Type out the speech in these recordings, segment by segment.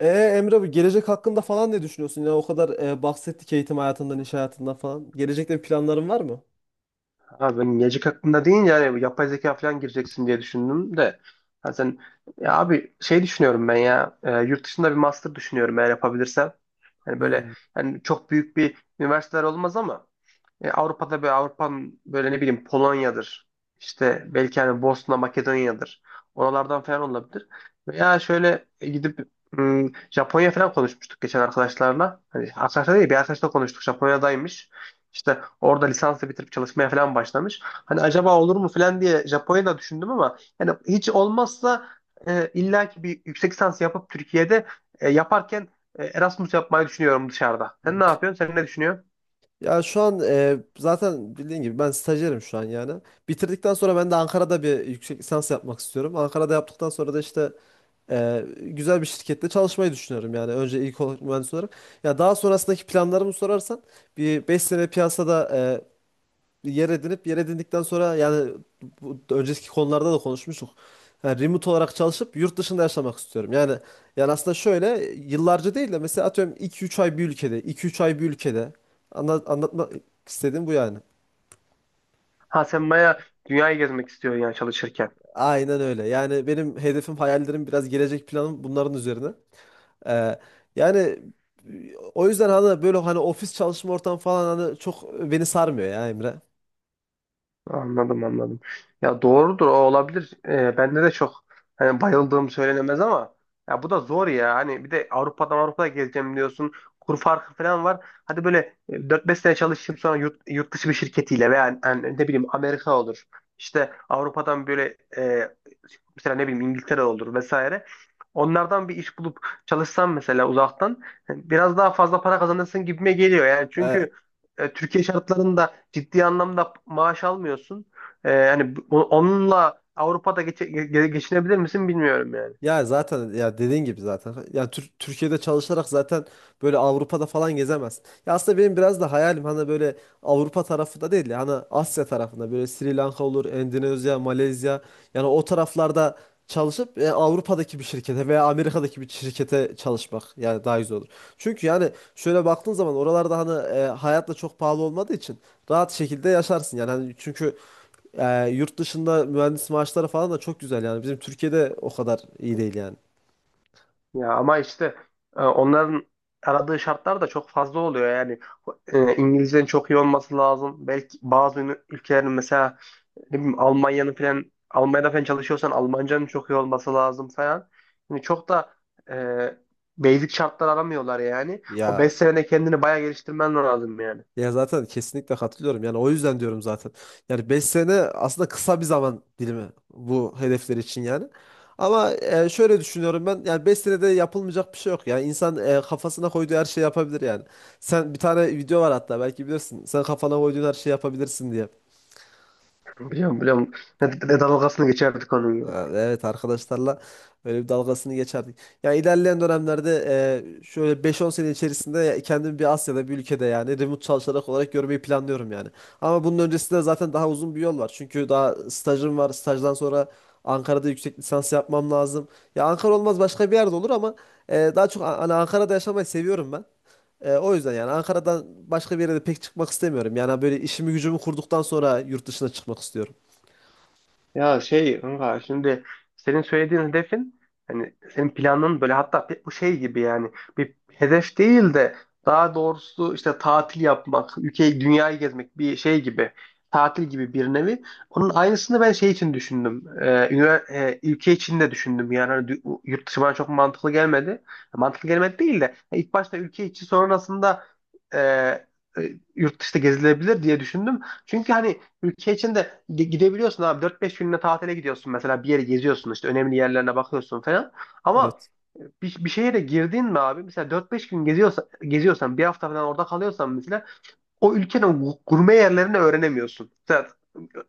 Emre abi, gelecek hakkında falan ne düşünüyorsun? Yani o kadar bahsettik, eğitim hayatından, iş hayatından falan. Gelecekte bir planların var mı? Abi ben gelecek hakkında deyince yapay zeka falan gireceksin diye düşündüm de. Ha sen ya abi şey düşünüyorum ben ya yurt dışında bir master düşünüyorum eğer yapabilirsem. Hani böyle Hmm. yani çok büyük bir üniversiteler olmaz ama Avrupa'da böyle Avrupa'nın böyle ne bileyim Polonya'dır. İşte belki hani Bosna, Makedonya'dır. Oralardan falan olabilir. Veya şöyle gidip Japonya falan konuşmuştuk geçen arkadaşlarla. Hani arkadaşlar değil bir arkadaşla konuştuk. Japonya'daymış. İşte orada lisansı bitirip çalışmaya falan başlamış. Hani acaba olur mu falan diye Japonya'da düşündüm ama yani hiç olmazsa illa ki bir yüksek lisans yapıp Türkiye'de yaparken Erasmus yapmayı düşünüyorum dışarıda. Sen ne yapıyorsun? Sen ne düşünüyorsun? Ya şu an zaten bildiğin gibi ben stajyerim şu an yani. Bitirdikten sonra ben de Ankara'da bir yüksek lisans yapmak istiyorum. Ankara'da yaptıktan sonra da işte güzel bir şirkette çalışmayı düşünüyorum yani. Önce ilk olarak mühendis olarak. Ya daha sonrasındaki planlarımı sorarsan bir 5 sene piyasada yer edinip, yer edindikten sonra yani bu, önceki konularda da konuşmuştuk. Yani remote olarak çalışıp yurt dışında yaşamak istiyorum. Yani aslında şöyle, yıllarca değil de mesela atıyorum 2-3 ay bir ülkede, 2-3 ay bir ülkede, anlatmak istediğim bu yani. Ha sen bayağı dünyayı gezmek istiyorsun yani çalışırken. Aynen öyle. Yani benim hedefim, hayallerim, biraz gelecek planım bunların üzerine. Ee, yani o yüzden hani böyle, hani ofis çalışma ortamı falan, hani çok beni sarmıyor ya Emre. Anladım anladım. Ya doğrudur o olabilir. Bende de çok hani bayıldığım söylenemez ama ya bu da zor ya. Hani bir de Avrupa'dan Avrupa'ya gezeceğim diyorsun. Kur farkı falan var. Hadi böyle 4-5 sene çalışayım sonra yurt dışı bir şirketiyle veya yani ne bileyim Amerika olur. İşte Avrupa'dan böyle mesela ne bileyim İngiltere olur vesaire. Onlardan bir iş bulup çalışsam mesela uzaktan biraz daha fazla para kazanırsın gibime geliyor yani. Ee, Çünkü Türkiye şartlarında ciddi anlamda maaş almıyorsun. Yani onunla Avrupa'da geçinebilir misin bilmiyorum yani. Ya zaten, ya dediğin gibi zaten. Ya Türkiye'de çalışarak zaten böyle Avrupa'da falan gezemezsin. Ya aslında benim biraz da hayalim, hani böyle Avrupa tarafında değil de hani Asya tarafında, böyle Sri Lanka olur, Endonezya, Malezya, yani o taraflarda çalışıp Avrupa'daki bir şirkete veya Amerika'daki bir şirkete çalışmak yani daha güzel olur. Çünkü yani şöyle baktığın zaman oralarda hani hayatla çok pahalı olmadığı için rahat şekilde yaşarsın yani, hani çünkü yurt dışında mühendis maaşları falan da çok güzel yani. Bizim Türkiye'de o kadar iyi değil yani. Ya ama işte onların aradığı şartlar da çok fazla oluyor yani. İngilizcenin çok iyi olması lazım. Belki bazı ülkelerin mesela ne bileyim Almanya'nın falan Almanya'da falan çalışıyorsan Almancanın çok iyi olması lazım falan. Yani çok da e, basic şartlar aramıyorlar yani. O Ya 5 senede kendini bayağı geliştirmen lazım yani. ya zaten kesinlikle katılıyorum. Yani o yüzden diyorum zaten. Yani 5 sene aslında kısa bir zaman dilimi bu hedefler için yani. Ama şöyle düşünüyorum ben. Yani 5 senede yapılmayacak bir şey yok. Yani insan kafasına koyduğu her şeyi yapabilir yani. Sen, bir tane video var hatta, belki bilirsin. Sen kafana koyduğun her şeyi yapabilirsin diye. Biliyorum biliyorum. Ne dalgasını geçerdik onun ya. Ha, evet, arkadaşlarla böyle bir dalgasını geçerdik. Yani ilerleyen dönemlerde şöyle 5-10 sene içerisinde kendimi bir Asya'da bir ülkede, yani remote çalışarak olarak görmeyi planlıyorum yani. Ama bunun öncesinde zaten daha uzun bir yol var. Çünkü daha stajım var. Stajdan sonra Ankara'da yüksek lisans yapmam lazım. Ya Ankara olmaz, başka bir yerde olur ama daha çok hani Ankara'da yaşamayı seviyorum ben. O yüzden yani Ankara'dan başka bir yere de pek çıkmak istemiyorum. Yani böyle işimi gücümü kurduktan sonra yurt dışına çıkmak istiyorum. Ya şey kanka şimdi senin söylediğin hedefin hani senin planın böyle hatta bu şey gibi yani bir hedef değil de daha doğrusu işte tatil yapmak, ülkeyi, dünyayı gezmek bir şey gibi tatil gibi bir nevi. Onun aynısını ben şey için düşündüm. Ülke için de düşündüm yani hani yurt dışı bana çok mantıklı gelmedi. Mantıklı gelmedi değil de hani ilk başta ülke içi sonrasında e, e, yurt dışında gezilebilir diye düşündüm. Çünkü hani ülke içinde gidebiliyorsun abi. Dört beş gününe tatile gidiyorsun mesela bir yere geziyorsun işte önemli yerlerine bakıyorsun falan. Ama Evet. Bir şehre girdin mi abi mesela dört beş gün geziyorsan bir hafta falan orada kalıyorsan mesela o ülkenin gurme yerlerini öğrenemiyorsun. Mesela,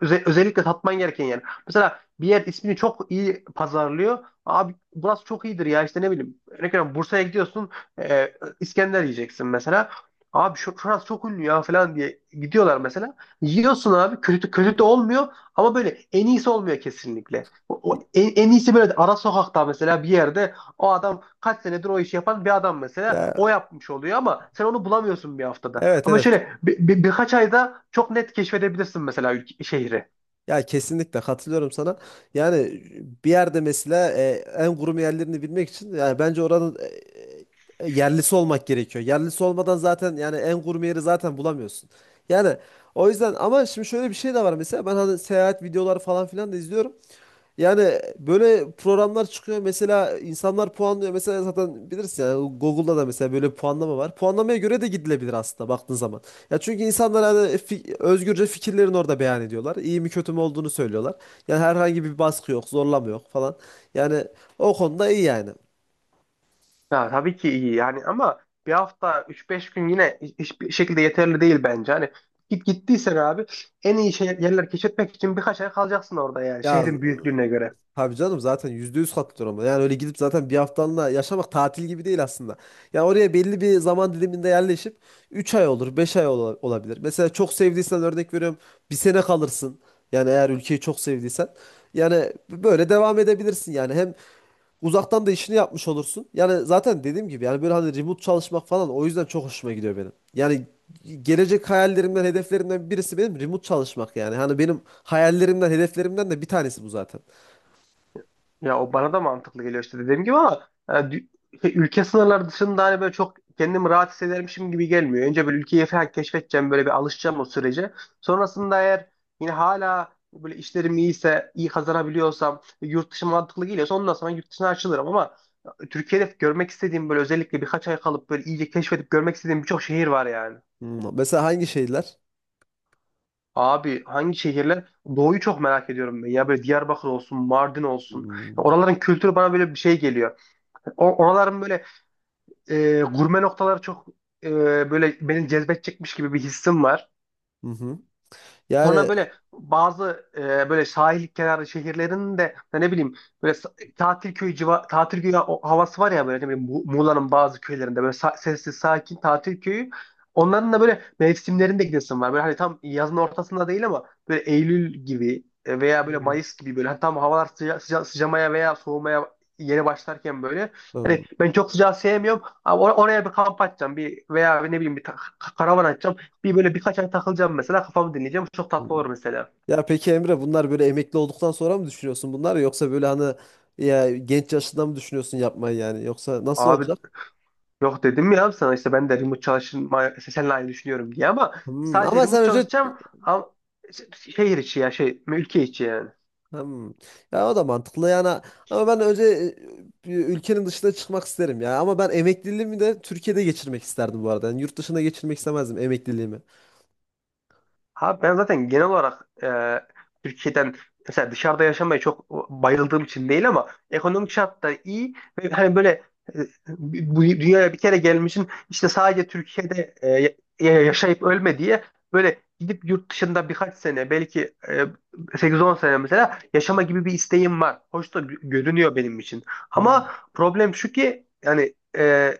özellikle tatman gereken yer. Mesela bir yer ismini çok iyi pazarlıyor. Abi burası çok iyidir ya işte ne bileyim. Örnek veriyorum Bursa'ya gidiyorsun e, İskender yiyeceksin mesela. Abi şurası çok ünlü ya falan diye gidiyorlar mesela. Yiyorsun abi kötü kötü de olmuyor ama böyle en iyisi olmuyor kesinlikle. En iyisi böyle ara sokakta mesela bir yerde o adam kaç senedir o işi yapan bir adam mesela. Ya O yapmış oluyor ama sen onu bulamıyorsun bir haftada. evet, Ama evet. şöyle bir birkaç ayda çok net keşfedebilirsin mesela şehri. Ya kesinlikle katılıyorum sana. Yani bir yerde mesela en kurum yerlerini bilmek için, yani bence oranın yerlisi olmak gerekiyor. Yerlisi olmadan zaten yani en kurum yeri zaten bulamıyorsun. Yani o yüzden, ama şimdi şöyle bir şey de var. Mesela ben hani seyahat videoları falan filan da izliyorum. Yani böyle programlar çıkıyor. Mesela insanlar puanlıyor. Mesela zaten bilirsin yani, Google'da da mesela böyle bir puanlama var. Puanlamaya göre de gidilebilir aslında baktığın zaman. Ya çünkü insanlar hani özgürce fikirlerini orada beyan ediyorlar. İyi mi kötü mü olduğunu söylüyorlar. Yani herhangi bir baskı yok, zorlama yok falan. Yani o konuda iyi yani. Ya, tabii ki iyi yani ama bir hafta üç beş gün yine hiçbir şekilde yeterli değil bence. Hani gittiysen abi en iyi yerler keşfetmek için birkaç ay kalacaksın orada yani Ya şehrin büyüklüğüne göre. tabii canım, zaten %100 katılıyorum. Yani öyle gidip zaten bir haftalığına yaşamak tatil gibi değil aslında. Yani oraya belli bir zaman diliminde yerleşip 3 ay olur, 5 ay olabilir. Mesela çok sevdiysen, örnek veriyorum, bir sene kalırsın. Yani eğer ülkeyi çok sevdiysen. Yani böyle devam edebilirsin yani. Hem uzaktan da işini yapmış olursun. Yani zaten dediğim gibi, yani böyle hani remote çalışmak falan, o yüzden çok hoşuma gidiyor benim. Yani gelecek hayallerimden, hedeflerimden birisi benim remote çalışmak yani. Hani benim hayallerimden, hedeflerimden de bir tanesi bu zaten. Ya o bana da mantıklı geliyor işte dediğim gibi ama yani ülke sınırları dışında hani böyle çok kendimi rahat hissedermişim gibi gelmiyor. Önce böyle ülkeyi falan keşfedeceğim böyle bir alışacağım o sürece. Sonrasında eğer yine hala böyle işlerim iyiyse, iyi kazanabiliyorsam, yurt dışı mantıklı geliyorsa ondan sonra yurt dışına açılırım ama Türkiye'de görmek istediğim böyle özellikle birkaç ay kalıp böyle iyice keşfedip görmek istediğim birçok şehir var yani. Hmm. Mesela hangi şeyler? Abi hangi şehirler? Doğu'yu çok merak ediyorum ben. Ya böyle Diyarbakır olsun, Mardin olsun. Hmm. Oraların kültürü bana böyle bir şey geliyor. Oraların böyle gurme noktaları çok e, böyle beni cezbedecekmiş gibi bir hissim var. Hı hı. Sonra Yani. böyle bazı böyle sahil kenarı şehirlerin de ya ne bileyim böyle tatil köyü tatil köyü havası var ya böyle ne bileyim Muğla'nın bazı köylerinde böyle sessiz sakin tatil köyü. Onların da böyle mevsimlerinde gidesim var. Böyle hani tam yazın ortasında değil ama böyle Eylül gibi veya böyle Hmm, Mayıs gibi böyle hani tam havalar sıcamaya veya soğumaya yeni başlarken böyle hmm, hani ben çok sıcağı sevmiyorum ama oraya bir kamp atacağım bir veya ne bileyim bir karavan atacağım. Bir böyle birkaç ay takılacağım mesela kafamı dinleyeceğim. Çok tatlı hmm. olur mesela. Ya peki Emre, bunlar böyle emekli olduktan sonra mı düşünüyorsun bunlar, yoksa böyle hani, ya genç yaşında mı düşünüyorsun yapmayı yani, yoksa nasıl Abi olacak? yok dedim ya sana işte ben de remote çalışma işte seninle aynı düşünüyorum diye ama Hmm, sadece ama remote sen önce. çalışacağım ama şehir içi ya şey ülke içi yani. Hmm, ya o da mantıklı yani, ama ben önce bir ülkenin dışına çıkmak isterim ya, ama ben emekliliğimi de Türkiye'de geçirmek isterdim bu arada yani, yurt dışına geçirmek istemezdim emekliliğimi. Abi ben zaten genel olarak Türkiye'den mesela dışarıda yaşamaya çok bayıldığım için değil ama ekonomik şartlar iyi ve hani böyle e, bu dünyaya bir kere gelmişsin işte sadece Türkiye'de yaşayıp ölme diye böyle gidip yurt dışında birkaç sene belki 8-10 sene mesela yaşama gibi bir isteğim var. Hoş da görünüyor benim için. Hmm. Ama problem şu ki yani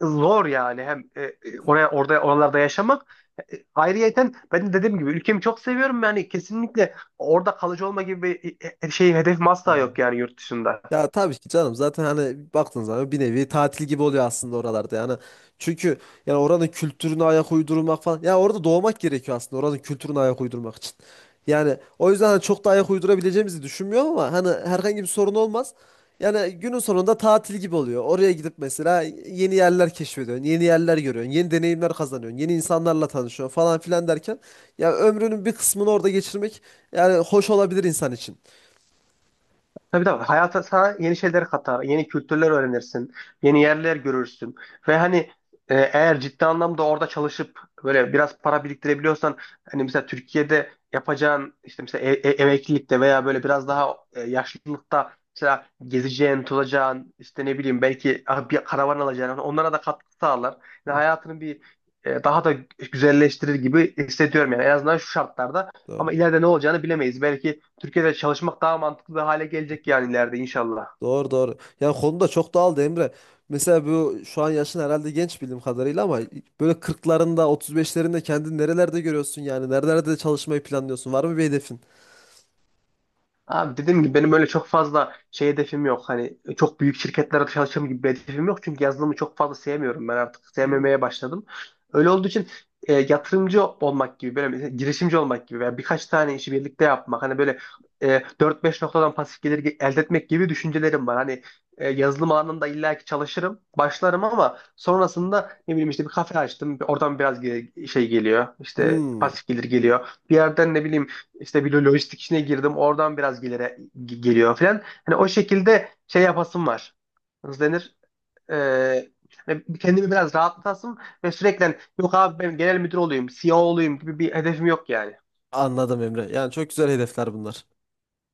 zor yani hem e, e, oraya orada oralarda yaşamak. E, ayrıyeten ben de dediğim gibi ülkemi çok seviyorum yani kesinlikle orada kalıcı olma gibi bir şey hedefim asla Evet. yok yani yurt dışında. Ya tabii ki canım, zaten hani baktığın zaman bir nevi tatil gibi oluyor aslında oralarda yani. Çünkü yani oranın kültürüne ayak uydurmak falan. Ya orada doğmak gerekiyor aslında oranın kültürüne ayak uydurmak için. Yani o yüzden hani çok da ayak uydurabileceğimizi düşünmüyorum, ama hani herhangi bir sorun olmaz. Yani günün sonunda tatil gibi oluyor. Oraya gidip mesela yeni yerler keşfediyorsun, yeni yerler görüyorsun, yeni deneyimler kazanıyorsun, yeni insanlarla tanışıyorsun falan filan derken, ya ömrünün bir kısmını orada geçirmek yani hoş olabilir insan için. Tabii tabii. Hayata sana yeni şeyler katar, yeni kültürler öğrenirsin, yeni yerler görürsün. Ve hani eğer ciddi anlamda orada çalışıp böyle biraz para biriktirebiliyorsan hani mesela Türkiye'de yapacağın işte mesela emeklilikte veya böyle biraz daha yaşlılıkta mesela gezeceğin, tozacağın işte ne bileyim belki bir karavan alacağın hani onlara da katkı sağlar. Yani Hı. hayatını bir daha da güzelleştirir gibi hissediyorum yani en azından şu şartlarda. Doğru. Ama ileride ne olacağını bilemeyiz. Belki Türkiye'de çalışmak daha mantıklı bir hale gelecek yani ileride inşallah. Doğru, doğru. Yani konu da çok dağıldı Emre. Mesela bu şu an yaşın herhalde genç bildiğim kadarıyla, ama böyle 40'larında, 35'lerinde kendini nerelerde görüyorsun yani? Nerelerde çalışmayı planlıyorsun? Var mı bir hedefin? Abi dediğim gibi benim öyle çok fazla şey hedefim yok. Hani çok büyük şirketlere çalışacağım gibi bir hedefim yok. Çünkü yazılımı çok fazla sevmiyorum. Ben artık Hmm. sevmemeye başladım. Öyle olduğu için yatırımcı olmak gibi, böyle mesela girişimci olmak gibi veya birkaç tane işi birlikte yapmak. Hani böyle 4-5 noktadan pasif gelir elde etmek gibi düşüncelerim var. Hani yazılım alanında illaki çalışırım, başlarım ama sonrasında ne bileyim işte bir kafe açtım. Oradan biraz şey geliyor, işte Hmm, pasif gelir geliyor. Bir yerden ne bileyim işte bir lojistik işine girdim. Oradan biraz geliyor falan. Hani o şekilde şey yapasım var. Nasıl denir? Ee, hani kendimi biraz rahatlatasım ve sürekli yok abi ben genel müdür olayım, CEO olayım gibi bir hedefim yok yani. anladım Emre. Yani çok güzel hedefler bunlar.